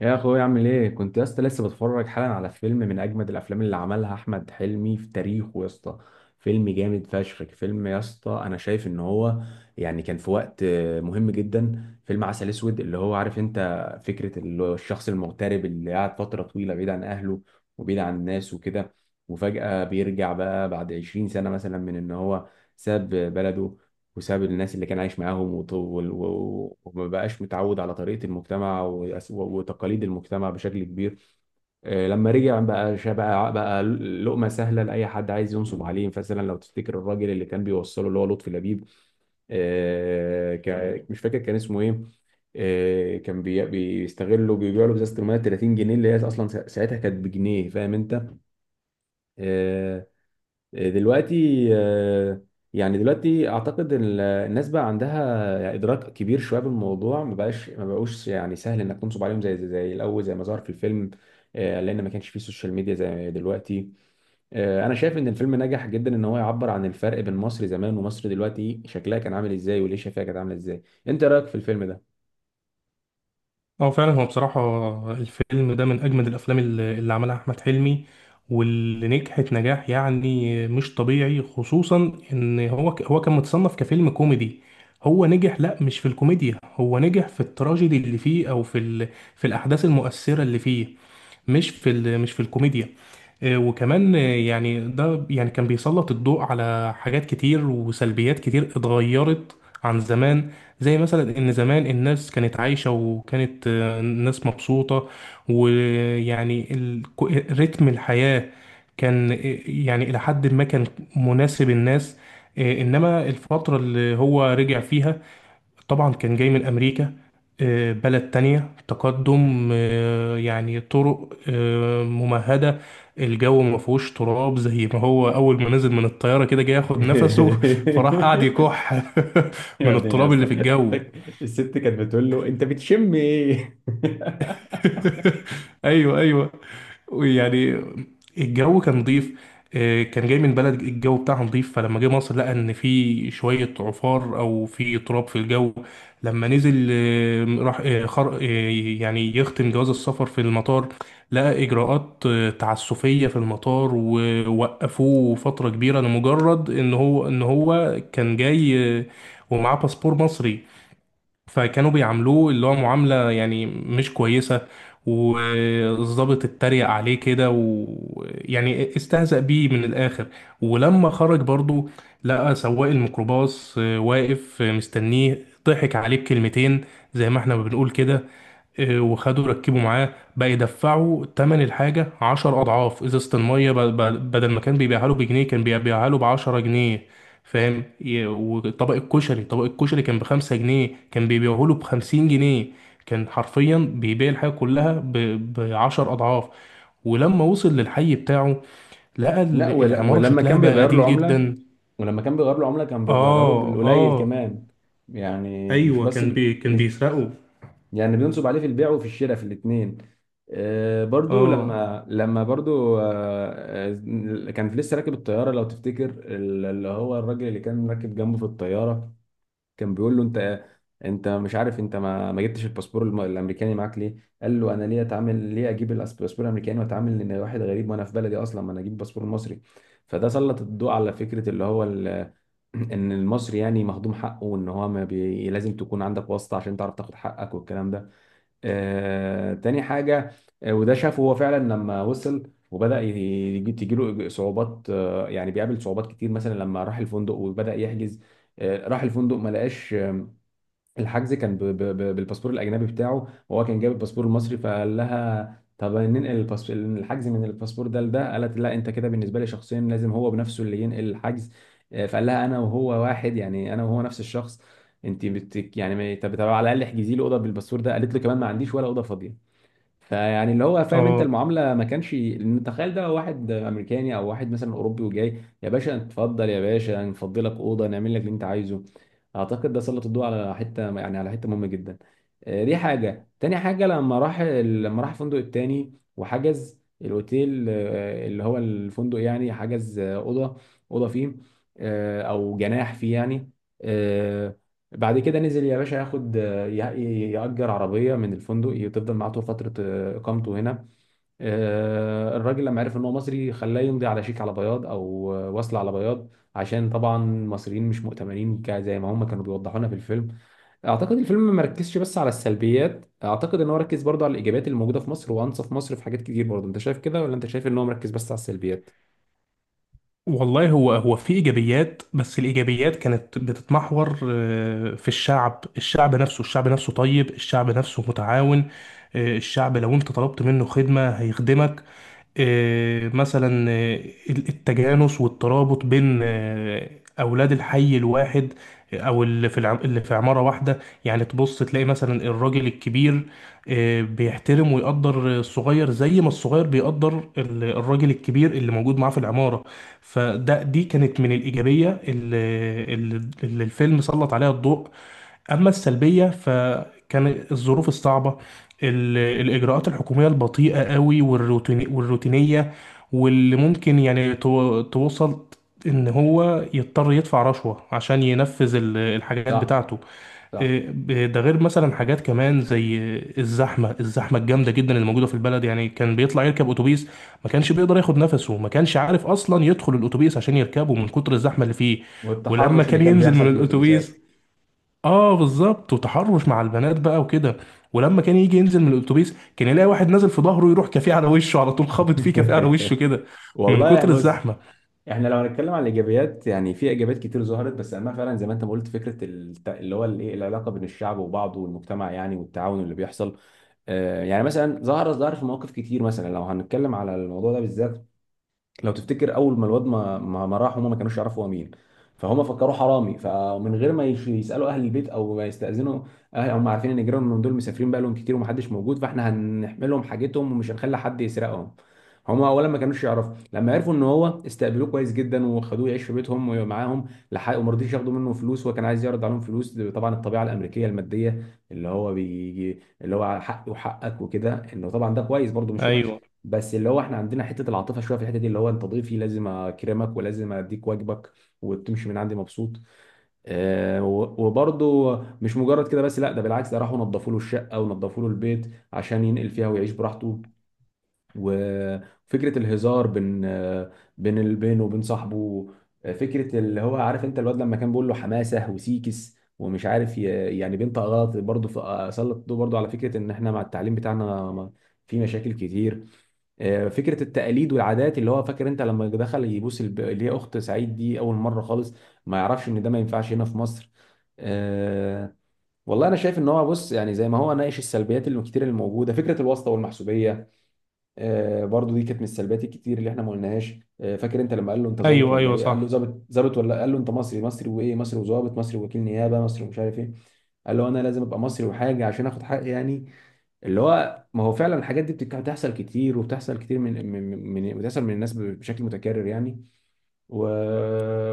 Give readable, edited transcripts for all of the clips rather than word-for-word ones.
يا اخويا، اعمل ايه؟ كنت يا اسطى لسه بتفرج حالا على فيلم من اجمد الافلام اللي عملها احمد حلمي في تاريخه يا اسطى. فيلم جامد فشخ، فيلم يا اسطى، انا شايف ان هو يعني كان في وقت مهم جدا. فيلم عسل اسود اللي هو عارف انت، فكرة الشخص المغترب اللي قاعد فترة طويلة بعيد عن اهله، وبعيد عن الناس وكده، وفجأة بيرجع بقى بعد 20 سنة مثلا من ان هو ساب بلده، وساب الناس اللي كان عايش معاهم وما بقاش متعود على طريقة المجتمع وتقاليد المجتمع بشكل كبير. لما رجع بقى بقى لقمة سهلة لأي حد عايز ينصب عليه. مثلا لو تفتكر الراجل اللي كان بيوصله، اللي هو لطفي لبيب، مش فاكر كان اسمه ايه. كان بيستغله، بيبيع له ازازه الميه 30 جنيه، اللي هي اصلا ساعتها كانت بجنيه، فاهم انت. آه، دلوقتي آه، يعني دلوقتي اعتقد إن الناس بقى عندها ادراك كبير شويه بالموضوع، ما بقاش ما بقوش يعني سهل انك تنصب عليهم زي الاول، زي ما ظهر في الفيلم. لان ما كانش فيه سوشيال ميديا زي دلوقتي. انا شايف ان الفيلم نجح جدا ان هو يعبر عن الفرق بين مصر زمان ومصر دلوقتي، شكلها كان عامل ازاي وليه شايفها كانت عامله ازاي. انت إيه رايك في الفيلم ده؟ اه فعلا هو بصراحة، الفيلم ده من أجمد الأفلام اللي عملها أحمد حلمي واللي نجحت نجاح يعني مش طبيعي، خصوصا إن هو كان متصنف كفيلم كوميدي. هو نجح، لأ، مش في الكوميديا، هو نجح في التراجيدي اللي فيه في الأحداث المؤثرة اللي فيه، مش في الكوميديا. وكمان، يعني ده يعني كان بيسلط الضوء على حاجات كتير وسلبيات كتير اتغيرت عن زمان. زي مثلا ان زمان الناس كانت عايشة، وكانت، الناس مبسوطة، ويعني رتم الحياة كان، يعني الى حد ما كان مناسب الناس. انما الفترة اللي هو رجع فيها، طبعا كان جاي من أمريكا، بلد تانية تقدم، يعني طرق ممهدة، الجو ما فيهوش تراب. زي ما هو أول ما نزل من الطيارة كده جاي ياخد نفسه فراح قاعد يكح يا من ابني يا التراب اللي في اسطى، الجو. الست كانت بتقول له انت بتشم ايه؟ ايوه، ايوه، يعني الجو كان نظيف، كان جاي من بلد الجو بتاعها نظيف، فلما جه مصر لقى ان في شويه عفار او في تراب في الجو. لما نزل آه، راح آه، خر... آه، يعني يختم جواز السفر في المطار، لقى اجراءات تعسفيه في المطار، ووقفوه فتره كبيره لمجرد ان هو كان جاي، ومعاه باسبور مصري، فكانوا بيعاملوه اللي هو معاملة يعني مش كويسة. والضابط اتريق عليه كده ويعني استهزأ بيه من الآخر. ولما خرج برضو لقى سواق الميكروباص واقف مستنيه، ضحك عليه بكلمتين زي ما احنا ما بنقول كده. إيه، وخدوا ركبوا معاه بقى يدفعوا تمن الحاجة 10 أضعاف. إزازة المية بدل ما كان بيبيعها له بجنيه كان بيبيعها له ب10 جنيه. فاهم؟ وطبق الكشري، طبق الكشري كان ب5 جنيه، كان بيبيعه له ب50 جنيه. كان حرفيا بيبيع الحاجة كلها ب10 أضعاف. ولما وصل للحي بتاعه لقى لا، ولا العمارة شكلها بقى قديم جدا. ولما كان بيغير له عملة كان بيغيرها له آه، بالقليل آه، كمان. يعني مش أيوة، بس. كان مش. بيسرقوا. يعني بينصب عليه في البيع وفي الشراء، في الاتنين. برضو آه، لما برضو آه، آه، كان لسه راكب الطيارة لو تفتكر. اللي هو الراجل اللي كان راكب جنبه في الطيارة كان بيقول له انت، مش عارف انت ما جبتش الباسبور الامريكاني معاك ليه؟ قال له انا ليه اتعامل، ليه اجيب الباسبور الامريكاني واتعامل ان واحد غريب وانا في بلدي اصلا، ما انا اجيب الباسبور المصري. فده سلط الضوء على فكره ان المصري يعني مهضوم حقه، وان هو ما بي... لازم تكون عندك واسطه عشان تعرف تاخد حقك والكلام ده. تاني حاجة. وده شافه هو فعلا لما وصل وبدأ يجي تجيله صعوبات. يعني بيقابل صعوبات كتير، مثلا لما راح الفندق وبدأ يحجز. راح الفندق ما لقاش. الحجز كان بالباسبور الاجنبي بتاعه، وهو كان جايب الباسبور المصري، فقال لها طب ننقل الحجز من الباسبور ده لده. قالت لا، انت كده بالنسبه لي شخصيا لازم هو بنفسه اللي ينقل الحجز. فقال لها انا وهو واحد يعني، انا وهو نفس الشخص. انت يعني، طب على الاقل احجزي له اوضه بالباسبور ده. قالت له كمان ما عنديش ولا اوضه فاضيه. فيعني اللي هو فاهم انت، آه، المعامله ما كانش، لان تخيل ده واحد امريكاني او واحد مثلا اوروبي وجاي، يا باشا اتفضل يا باشا، نفضي لك اوضه، نعمل لك اللي انت عايزه. اعتقد ده سلط الضوء على حته، يعني على حته مهمه جدا. دي حاجه. تاني حاجه، لما راح الفندق التاني وحجز الاوتيل، اللي هو الفندق، يعني حجز اوضه فيه، او جناح فيه يعني. آه، بعد كده نزل يا باشا ياخد يأجر عربية من الفندق تفضل معاه طول فترة إقامته هنا. الراجل لما عرف إن هو مصري خلاه يمضي على شيك على بياض، أو وصل على بياض، عشان طبعا المصريين مش مؤتمنين زي ما هم كانوا بيوضحوا لنا في الفيلم. اعتقد الفيلم ما ركزش بس على السلبيات، اعتقد ان هو ركز برضه على الايجابيات اللي موجوده في مصر، وانصف مصر في حاجات كتير برضه. انت شايف كده، ولا انت شايف ان هو مركز بس على السلبيات؟ والله، هو في ايجابيات، بس الايجابيات كانت بتتمحور في الشعب. الشعب نفسه طيب، الشعب نفسه متعاون. الشعب لو انت طلبت منه خدمة هيخدمك. آه، مثلا آه، التجانس والترابط بين اولاد الحي الواحد، او اللي في اللي في عمارة واحدة. يعني تبص تلاقي مثلا الراجل الكبير بيحترم ويقدر الصغير، زي ما الصغير بيقدر الراجل الكبير اللي موجود معاه في العمارة. فده دي كانت من الإيجابية اللي الفيلم سلط عليها الضوء. أما السلبية فكان الظروف الصعبة، الإجراءات الحكومية البطيئة قوي، والروتيني والروتينية، واللي ممكن يعني توصل إن هو يضطر يدفع رشوة عشان ينفذ الحاجات صح، بتاعته. صح. إيه، ده غير مثلا حاجات كمان زي الزحمة. الزحمة الجامدة جدا اللي موجودة في البلد، يعني كان بيطلع يركب أتوبيس ما كانش بيقدر ياخد نفسه، ما كانش عارف أصلا يدخل الأتوبيس عشان يركبه من كتر الزحمة اللي فيه. ولما والتحرش اللي كان كان ينزل من بيحصل في الأتوبيس، الاتوبيسات. اه بالظبط، وتحرش مع البنات بقى وكده. ولما كان يجي ينزل من الاتوبيس كان يلاقي واحد نازل في ظهره، يروح كافيه على وشه على طول، خابط فيه كافيه على وشه كده من والله كتر بص، الزحمه. احنا لو هنتكلم عن الايجابيات يعني في ايجابيات كتير ظهرت، بس اما فعلا زي ما انت ما قلت فكره اللي هو الايه، العلاقه بين الشعب وبعضه والمجتمع يعني، والتعاون اللي بيحصل. يعني مثلا ظهر في مواقف كتير، مثلا لو هنتكلم على الموضوع ده بالذات، لو تفتكر اول ما الواد ما ما ما راح، هما ما كانوش يعرفوا هو مين، فهم فكروه حرامي. فمن غير ما يسالوا اهل البيت او ما يستاذنوا، أهل هم عارفين ان جيرانهم من دول مسافرين بقى لهم كتير ومحدش موجود، فاحنا هنحملهم حاجتهم ومش هنخلي حد يسرقهم. هم اولا ما كانوش يعرفوا، لما عرفوا ان هو استقبلوه كويس جدا وخدوه يعيش في بيتهم ومعاهم. لحق وما رضيش ياخدوا منه فلوس، وكان عايز يعرض عليهم فلوس. طبعا الطبيعه الامريكيه الماديه، اللي هو بيجي اللي هو حقي وحقك وكده، انه طبعا ده كويس برده مش ايوه، وحش. بس اللي هو احنا عندنا حته العاطفه شويه في الحته دي، اللي هو انت ضيفي لازم اكرمك ولازم اديك واجبك وتمشي من عندي مبسوط. اه، وبرضه مش مجرد كده بس، لا، ده بالعكس، ده راحوا نظفوا له الشقه ونظفوا له البيت عشان ينقل فيها ويعيش براحته. وفكره الهزار بين بين بينه وبين صاحبه، فكره اللي هو عارف انت، الواد لما كان بيقول له حماسه وسيكس ومش عارف يعني بنت غلط. برضه سلط الضوء برضه على فكره ان احنا مع التعليم بتاعنا في مشاكل كتير. فكره التقاليد والعادات، اللي هو فاكر انت لما دخل يبوس اللي هي اخت سعيد دي اول مره خالص، ما يعرفش ان ده ما ينفعش هنا في مصر. آه، والله انا شايف ان هو بص، يعني زي ما هو ناقش السلبيات اللي كتير اللي موجوده، فكره الواسطه والمحسوبيه، برضو دي كانت من السلبيات الكتير اللي احنا ما قلناهاش. فاكر انت لما قال له انت ظابط ايوه. ولا ايوه ايه؟ قال له صح. ظابط ظابط ولا، قال له انت مصري مصري، وايه، مصري وظابط، مصري وكيل نيابه مصري ومش عارف ايه. قال له انا لازم ابقى مصري وحاجه عشان اخد حقي يعني. اللي هو ما هو فعلا الحاجات دي بتحصل كتير، وبتحصل كتير من من من بتحصل من الناس بشكل متكرر يعني. و...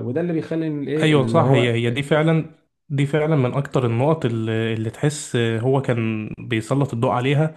وده اللي بيخلي إن الايه ايوه اللي صح، هي هو. هي دي فعلا، دي فعلا من اكتر النقط اللي تحس هو كان بيسلط الضوء عليها.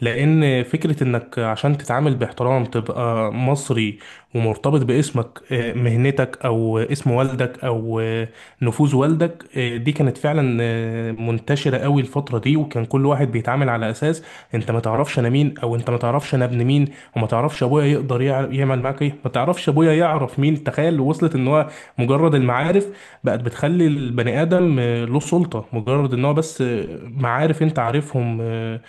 لان فكره انك عشان تتعامل باحترام تبقى مصري، ومرتبط باسمك، مهنتك، او اسم والدك، او نفوذ والدك، دي كانت فعلا منتشره قوي الفتره دي. وكان كل واحد بيتعامل على اساس انت ما تعرفش انا مين، او انت ما تعرفش انا ابن مين، وما تعرفش ابويا يقدر يعمل معاك ايه، ما تعرفش ابويا يعرف مين. تخيل وصلت ان هو مجرد المعارف بقت بتخلي البني آدم له سلطة، مجرد ان هو بس معارف انت عارفهم، آه،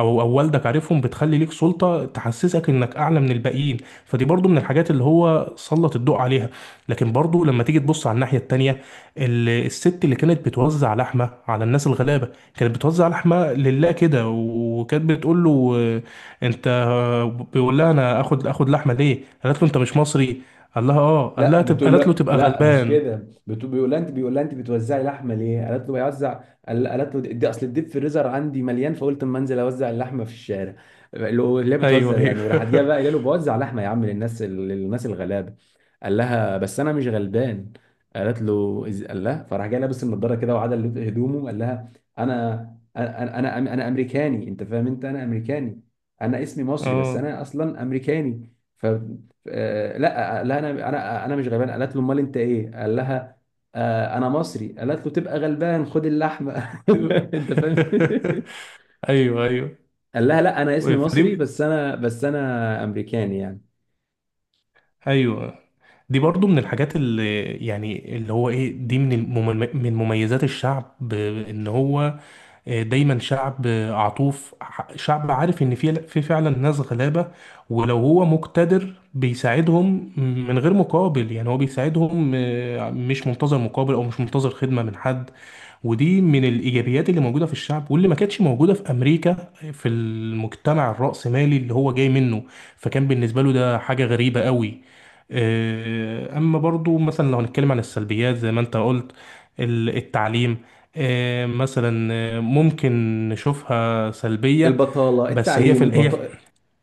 او او والدك عارفهم، بتخلي ليك سلطة تحسسك انك اعلى من الباقيين. فدي برضو من الحاجات اللي هو سلط الضوء عليها. لكن برضو لما تيجي تبص على الناحية التانية، الست اللي كانت بتوزع لحمة على الناس الغلابة، كانت بتوزع لحمة لله كده. وكانت بتقول له، آه، انت آه، بيقول لها انا اخد لحمة ليه؟ قالت له انت مش مصري؟ قال لها اه، لا، بتقول قالت له له تبقى لا مش غلبان. كده، بتقول، بيقول لها انت بتوزعي لحمه ليه؟ قالت له بيوزع. قالت له دي اصل الديب فريزر عندي مليان فقلت اما انزل اوزع اللحمه في الشارع. اللي هي ايوه، بتهزر ايوه. يعني، وراحت جايه بقى قايله له بوزع لحمه يا عم للناس الغلابه. قال لها بس انا مش غلبان. قال لها، فراح جاي لابس النضاره كده وعدل هدومه، قال لها انا انا امريكاني، انت فاهم انت، انا امريكاني. انا اسمي مصري بس اه، انا اصلا امريكاني. لا، قال لها انا مش غلبان. قالت له امال انت ايه؟ قال لها انا مصري. قالت له تبقى غلبان، خد اللحمه. تبقى. انت فاهم. ايوه، ايوه، قال لها لا انا اسمي مصري، فدي، بس انا امريكاني يعني. ايوه، دي برضو من الحاجات اللي يعني اللي هو ايه، دي من من مميزات الشعب. ان هو دايما شعب عطوف، شعب عارف ان في فعلا ناس غلابة، ولو هو مقتدر بيساعدهم من غير مقابل. يعني هو بيساعدهم مش منتظر مقابل، او مش منتظر خدمة من حد. ودي من الايجابيات اللي موجودة في الشعب، واللي ما كانتش موجودة في امريكا، في المجتمع الرأسمالي اللي هو جاي منه، فكان بالنسبة له ده حاجة غريبة قوي. اما برضو مثلا لو هنتكلم عن السلبيات زي ما انت قلت، التعليم، آه، مثلا آه، ممكن نشوفها سلبية، البطالة، بس هي التعليم، في ال- هي في-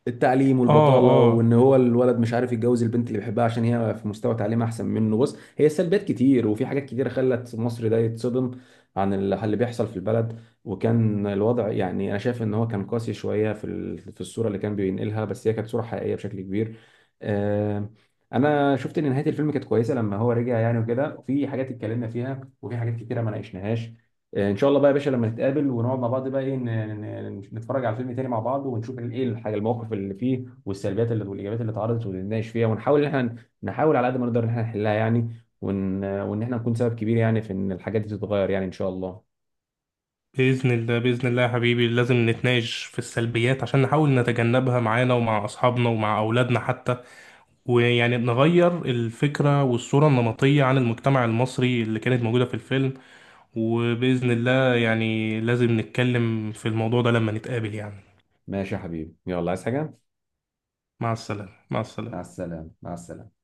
التعليم اه، والبطالة، اه. وان هو الولد مش عارف يتجوز البنت اللي بيحبها عشان هي في مستوى تعليم احسن منه. بص، هي سلبيات كتير، وفي حاجات كتيرة خلت مصر ده يتصدم عن اللي بيحصل في البلد. وكان الوضع يعني، انا شايف ان هو كان قاسي شوية في في الصورة اللي كان بينقلها، بس هي كانت صورة حقيقية بشكل كبير. آه، انا شفت ان نهاية الفيلم كانت كويسة لما هو رجع يعني وكده، وفي حاجات اتكلمنا فيها وفي حاجات كتيرة ما ناقشناهاش. ان شاء الله بقى يا باشا لما نتقابل ونقعد مع بعض بقى ايه، نتفرج على فيلم تاني مع بعض، ونشوف ايه الحاجه، المواقف اللي فيه، والسلبيات اللي والايجابيات اللي اتعرضت، ونناقش فيها، ونحاول ان احنا نحاول على قد ما نقدر ان احنا نحلها يعني، وان احنا نكون سبب كبير يعني في ان الحاجات دي تتغير يعني، ان شاء الله. بإذن الله، بإذن الله يا حبيبي، لازم نتناقش في السلبيات عشان نحاول نتجنبها معانا ومع أصحابنا ومع أولادنا حتى، ويعني نغير الفكرة والصورة النمطية عن المجتمع المصري اللي كانت موجودة في الفيلم. وبإذن الله يعني لازم نتكلم في الموضوع ده لما نتقابل يعني. ماشي يا حبيبي، يلا، عايز حاجه؟ مع السلامة، مع مع السلامة. السلامة، مع السلامة.